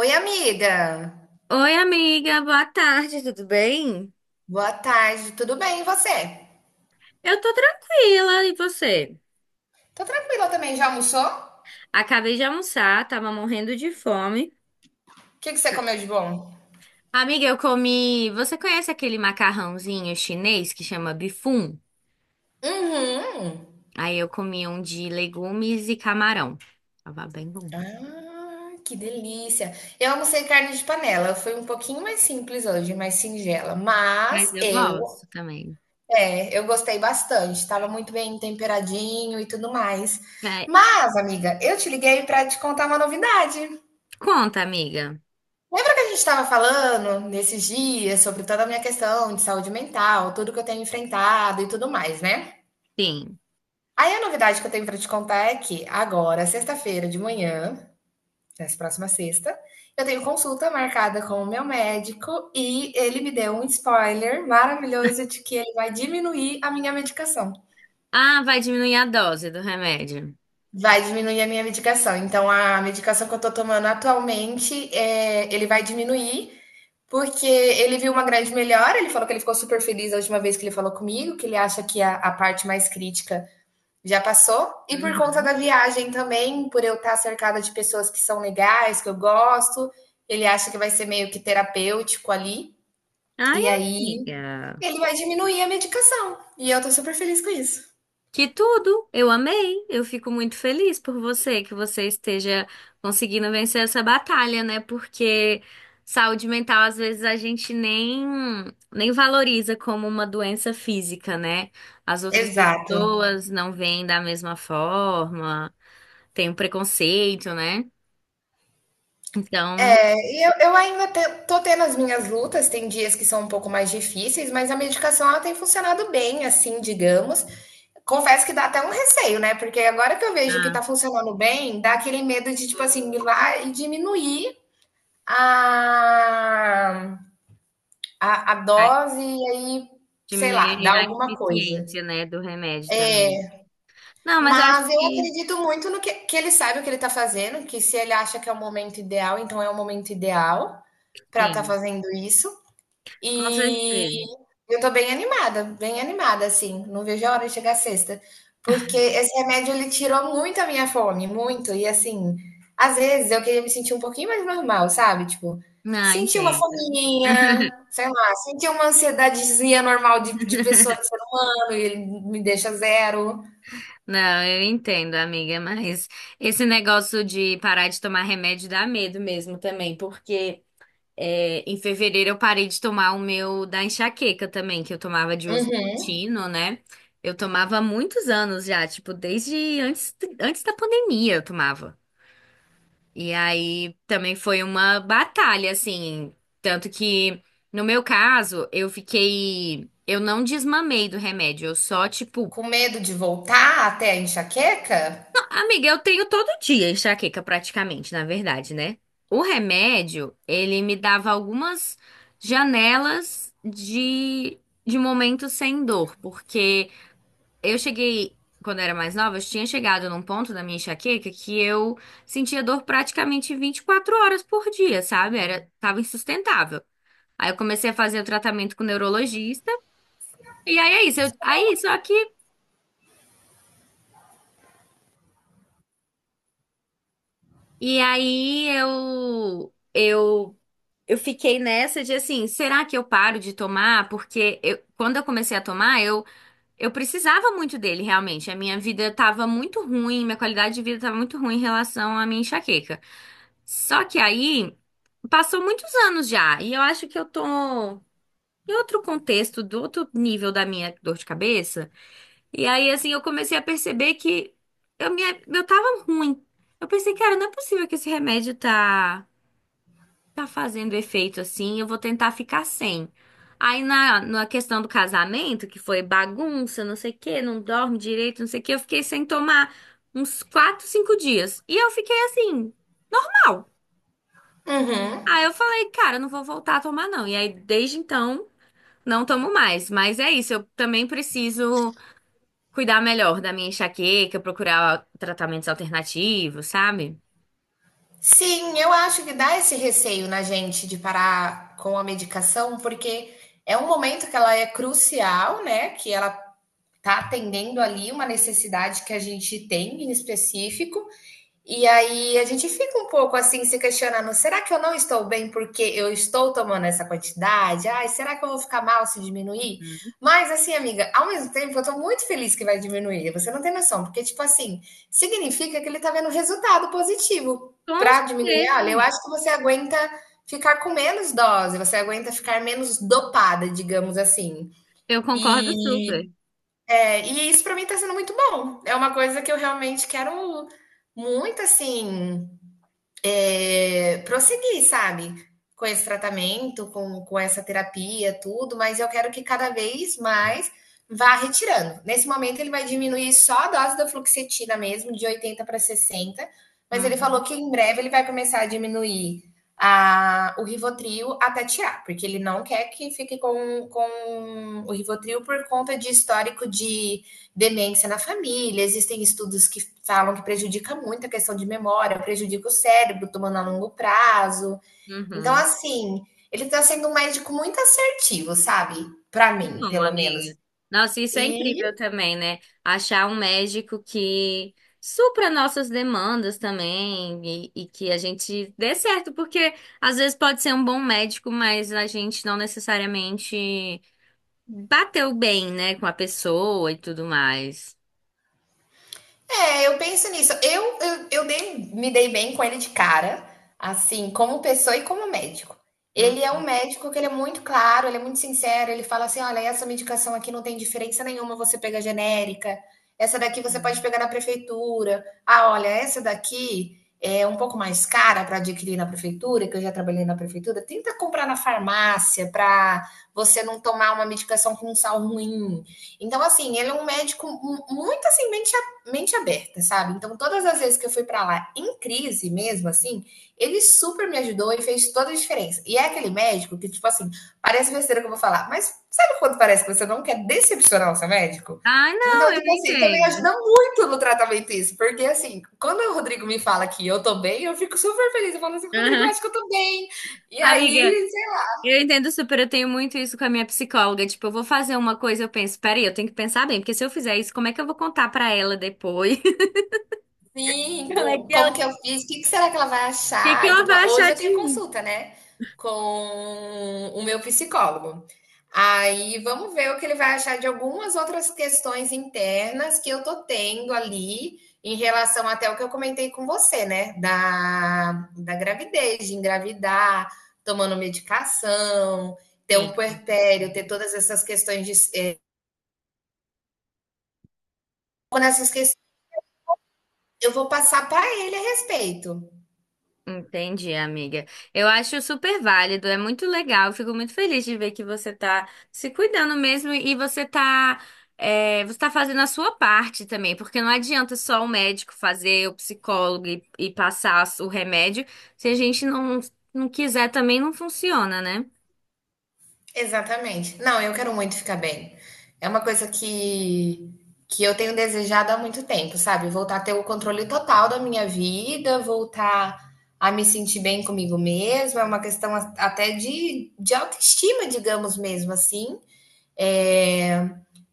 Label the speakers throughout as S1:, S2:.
S1: Oi, amiga.
S2: Oi, amiga, boa tarde, tudo bem?
S1: Boa tarde. Tudo bem, e você?
S2: Eu tô tranquila, e você?
S1: Tô tranquila também. Já almoçou? O
S2: Acabei de almoçar, tava morrendo de fome.
S1: que que você comeu de bom?
S2: Amiga, eu comi. Você conhece aquele macarrãozinho chinês que chama bifum?
S1: Uhum.
S2: Aí eu comi um de legumes e camarão. Tava bem bom.
S1: Ah, que delícia. Eu almocei carne de panela. Foi um pouquinho mais simples hoje, mais singela.
S2: Mas
S1: Mas
S2: eu
S1: eu,
S2: gosto também.
S1: é, eu gostei bastante. Tava muito bem temperadinho e tudo mais.
S2: É,
S1: Mas, amiga, eu te liguei pra te contar uma novidade.
S2: conta, amiga.
S1: Lembra que a gente estava falando nesses dias sobre toda a minha questão de saúde mental, tudo que eu tenho enfrentado e tudo mais, né?
S2: Sim.
S1: Aí a novidade que eu tenho para te contar é que agora, sexta-feira de manhã, nessa próxima sexta, eu tenho consulta marcada com o meu médico e ele me deu um spoiler maravilhoso de que ele vai diminuir a minha medicação.
S2: Ah, vai diminuir a dose do remédio.
S1: Vai diminuir a minha medicação. Então, a medicação que eu tô tomando atualmente, ele vai diminuir, porque ele viu uma grande melhora. Ele falou que ele ficou super feliz a última vez que ele falou comigo, que ele acha que a parte mais crítica já passou. E por conta
S2: Uhum.
S1: da viagem também, por eu estar cercada de pessoas que são legais, que eu gosto, ele acha que vai ser meio que terapêutico ali.
S2: Ai,
S1: E aí,
S2: amiga.
S1: ele vai diminuir a medicação. E eu tô super feliz com isso.
S2: Que tudo! Eu amei! Eu fico muito feliz por você, que você esteja conseguindo vencer essa batalha, né? Porque saúde mental, às vezes, a gente nem valoriza como uma doença física, né? As outras
S1: Exato.
S2: pessoas não veem da mesma forma, tem um preconceito, né? Então,
S1: E eu ainda tô tendo as minhas lutas, tem dias que são um pouco mais difíceis, mas a medicação ela tem funcionado bem, assim, digamos. Confesso que dá até um receio, né? Porque agora que eu vejo que
S2: ah,
S1: tá funcionando bem, dá aquele medo de, tipo assim, ir lá e diminuir a, a
S2: vai
S1: dose e aí, sei lá,
S2: diminuir
S1: dar
S2: a
S1: alguma coisa.
S2: eficiência, né, do remédio também. Não, mas acho
S1: Mas eu
S2: que
S1: acredito muito no que ele sabe o que ele tá fazendo, que se ele acha que é o momento ideal, então é o momento ideal para estar
S2: sim,
S1: fazendo isso.
S2: com
S1: E
S2: certeza.
S1: eu tô bem animada, assim. Não vejo a hora de chegar sexta. Porque esse remédio, ele tirou muito a minha fome, muito. E, assim, às vezes eu queria me sentir um pouquinho mais normal, sabe? Tipo,
S2: Ah,
S1: sentir uma
S2: entendo.
S1: fominha, sei lá, sentir uma ansiedadezinha normal de pessoa de ano e ele me deixa zero.
S2: Não, eu entendo, amiga, mas esse negócio de parar de tomar remédio dá medo mesmo também, porque é, em fevereiro eu parei de tomar o meu da enxaqueca também, que eu tomava de uso
S1: Uhum.
S2: contínuo, né? Eu tomava há muitos anos já, tipo, desde antes da pandemia eu tomava. E aí também foi uma batalha, assim, tanto que no meu caso eu fiquei, eu não desmamei do remédio, eu só, tipo.
S1: Com medo de voltar até a enxaqueca?
S2: Amiga, eu tenho todo dia enxaqueca praticamente, na verdade, né? O remédio, ele me dava algumas janelas de momentos sem dor, porque eu cheguei, quando eu era mais nova, eu tinha chegado num ponto da minha enxaqueca que eu sentia dor praticamente 24 horas por dia, sabe? Era, tava insustentável. Aí eu comecei a fazer o tratamento com o neurologista, e aí é isso. Eu, aí, só que E aí eu fiquei nessa de assim, será que eu paro de tomar? Porque eu- quando eu comecei a tomar, eu precisava muito dele realmente. A minha vida estava muito ruim, minha qualidade de vida estava muito ruim em relação à minha enxaqueca. Só que aí passou muitos anos já, e eu acho que eu tô em outro contexto, do outro nível da minha dor de cabeça. E aí, assim, eu comecei a perceber que eu, me, eu tava ruim. Eu pensei, cara, não é possível que esse remédio tá fazendo efeito assim, eu vou tentar ficar sem. Aí, na questão do casamento, que foi bagunça, não sei o quê, não dorme direito, não sei o quê, eu fiquei sem tomar uns quatro, cinco dias. E eu fiquei assim, mal. Aí
S1: Uhum.
S2: eu falei, cara, eu não vou voltar a tomar, não. E aí, desde então, não tomo mais. Mas é isso, eu também preciso cuidar melhor da minha enxaqueca, procurar tratamentos alternativos, sabe?
S1: Sim, eu acho que dá esse receio na gente de parar com a medicação, porque é um momento que ela é crucial, né? Que ela tá atendendo ali uma necessidade que a gente tem em específico, e aí a gente fica um pouco assim se questionando: será que eu não estou bem porque eu estou tomando essa quantidade? Ai, será que eu vou ficar mal se diminuir? Mas assim, amiga, ao mesmo tempo eu estou muito feliz que vai diminuir. Você não tem noção, porque tipo assim, significa que ele está vendo resultado positivo
S2: Com
S1: para diminuir.
S2: certeza,
S1: Olha, eu
S2: amiga.
S1: acho que você aguenta ficar com menos dose, você aguenta ficar menos dopada, digamos assim.
S2: Eu concordo
S1: E,
S2: super.
S1: e isso para mim tá sendo muito bom. É uma coisa que eu realmente quero muito assim prosseguir, sabe? Com esse tratamento, com essa terapia, tudo, mas eu quero que cada vez mais vá retirando. Nesse momento, ele vai diminuir só a dose da fluoxetina mesmo, de 80 para 60. Mas ele falou
S2: Uhum,
S1: que em breve ele vai começar a diminuir o Rivotril até tirar, porque ele não quer que fique com o Rivotril por conta de histórico de demência na família, existem estudos que falam que prejudica muito a questão de memória, prejudica o cérebro, tomando a longo prazo. Então,
S2: uhum.
S1: assim, ele está sendo um médico muito assertivo, sabe? Para
S2: Que
S1: mim,
S2: bom,
S1: pelo menos.
S2: amiga. Nossa, isso é
S1: E
S2: incrível também, né? Achar um médico que supra nossas demandas também e que a gente dê certo, porque às vezes pode ser um bom médico, mas a gente não necessariamente bateu bem, né, com a pessoa e tudo mais.
S1: Eu penso nisso. Me dei bem com ele de cara, assim, como pessoa e como médico. Ele é um médico que ele é muito claro, ele é muito sincero, ele fala assim: olha, essa medicação aqui não tem diferença nenhuma, você pega genérica, essa daqui você pode
S2: Uhum.
S1: pegar na prefeitura. Ah, olha, essa daqui é um pouco mais cara para adquirir na prefeitura, que eu já trabalhei na prefeitura. Tenta comprar na farmácia para você não tomar uma medicação com sal ruim. Então, assim, ele é um médico muito assim, bem mente aberta, sabe? Então, todas as vezes que eu fui para lá em crise mesmo, assim, ele super me ajudou e fez toda a diferença. E é aquele médico que, tipo assim, parece besteira que eu vou falar, mas sabe quando parece que você não quer decepcionar o seu médico?
S2: Ai,
S1: Então,
S2: não, eu
S1: tipo assim, também
S2: entendo.
S1: ajuda muito no tratamento isso, porque assim, quando o Rodrigo me fala que eu tô bem, eu fico super feliz. Eu falo assim, Rodrigo, eu
S2: Aham.
S1: acho que eu tô bem. E
S2: Amiga,
S1: aí,
S2: eu entendo super, eu tenho muito isso com a minha psicóloga. Tipo, eu vou fazer uma coisa, eu penso, peraí, eu tenho que pensar bem, porque se eu fizer isso, como é que eu vou contar pra ela depois?
S1: Sim,
S2: Como é que ela...
S1: como que
S2: o
S1: eu fiz? O que que será que ela vai
S2: que que
S1: achar? E
S2: ela
S1: tudo
S2: vai
S1: mais.
S2: achar
S1: Hoje eu
S2: de
S1: tenho
S2: mim?
S1: consulta, né? Com o meu psicólogo. Aí vamos ver o que ele vai achar de algumas outras questões internas que eu tô tendo ali em relação até o que eu comentei com você, né? Da gravidez, de engravidar, tomando medicação, ter um puerpério,
S2: Sim.
S1: ter todas essas questões de. Nessas questões, eu vou passar para ele a respeito.
S2: Entendi, amiga. Eu acho super válido, é muito legal. Eu fico muito feliz de ver que você tá se cuidando mesmo e você tá, é, você tá fazendo a sua parte também, porque não adianta só o médico fazer, o psicólogo e passar o remédio. Se a gente não, não quiser também não funciona, né?
S1: Exatamente. Não, eu quero muito ficar bem. É uma coisa que eu tenho desejado há muito tempo, sabe? Voltar a ter o controle total da minha vida, voltar a me sentir bem comigo mesma, é uma questão até de autoestima, digamos mesmo assim. É,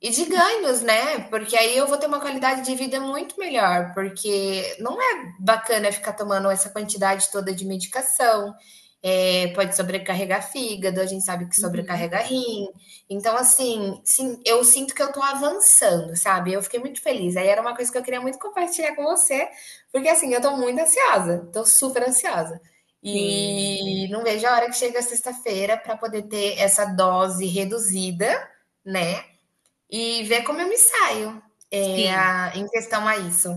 S1: e de ganhos, né? Porque aí eu vou ter uma qualidade de vida muito melhor, porque não é bacana ficar tomando essa quantidade toda de medicação, é, pode sobrecarregar fígado, a gente sabe que
S2: Uhum.
S1: sobrecarrega rim. Então, assim, sim, eu sinto que eu tô avançando, sabe? Eu fiquei muito feliz. Aí era uma coisa que eu queria muito compartilhar com você, porque assim, eu tô muito ansiosa, tô super ansiosa.
S2: Sim,
S1: E não vejo a hora que chega a sexta-feira para poder ter essa dose reduzida, né? E ver como eu me saio, eh, a
S2: sim.
S1: em questão a isso.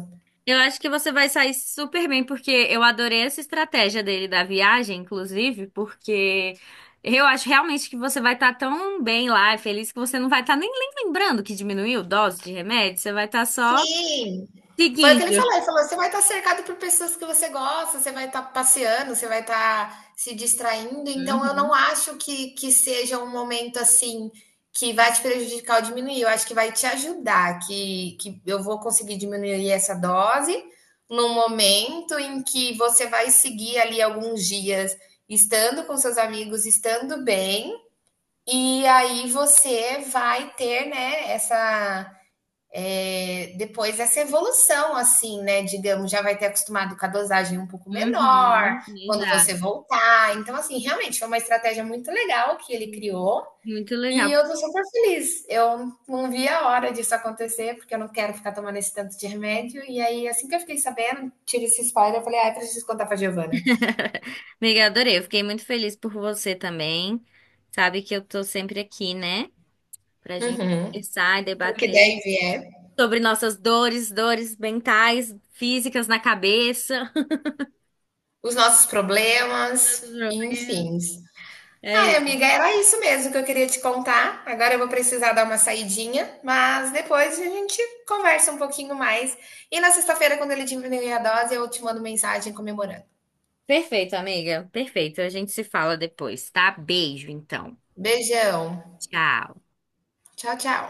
S2: Eu acho que você vai sair super bem, porque eu adorei essa estratégia dele da viagem, inclusive, porque eu acho realmente que você vai estar tão bem lá, feliz, que você não vai estar nem lembrando que diminuiu dose de remédio, você vai estar só
S1: Sim, foi o que
S2: seguindo.
S1: ele falou: "Você vai estar cercado por pessoas que você gosta, você vai estar passeando, você vai estar se distraindo, então eu não
S2: Uhum,
S1: acho que seja um momento, assim, que vai te prejudicar ou diminuir, eu acho que vai te ajudar, que eu vou conseguir diminuir essa dose, no momento em que você vai seguir ali alguns dias estando com seus amigos, estando bem, e aí você vai ter, né, essa depois essa evolução, assim, né? Digamos, já vai ter acostumado com a dosagem um pouco menor
S2: uhum,
S1: quando você
S2: exato.
S1: voltar. Então, assim, realmente foi uma estratégia muito legal que ele criou.
S2: Muito
S1: E
S2: legal.
S1: eu tô super feliz. Eu não vi a hora disso acontecer, porque eu não quero ficar tomando esse tanto de remédio. E aí, assim que eu fiquei sabendo, tirei esse spoiler, eu falei, ah, eu preciso contar pra Giovana.
S2: Amiga, adorei. Eu fiquei muito feliz por você também. Sabe que eu tô sempre aqui, né? Pra gente
S1: Uhum.
S2: conversar e
S1: Porque
S2: debater
S1: daí vier
S2: sobre nossas dores, dores mentais, físicas na cabeça.
S1: os nossos problemas, enfim.
S2: É
S1: Ai,
S2: isso.
S1: amiga, era isso mesmo que eu queria te contar. Agora eu vou precisar dar uma saidinha, mas depois a gente conversa um pouquinho mais. E na sexta-feira, quando ele diminuir a dose, eu te mando mensagem comemorando.
S2: Perfeito, amiga. Perfeito. A gente se fala depois, tá? Beijo, então.
S1: Beijão.
S2: Tchau.
S1: Tchau, tchau.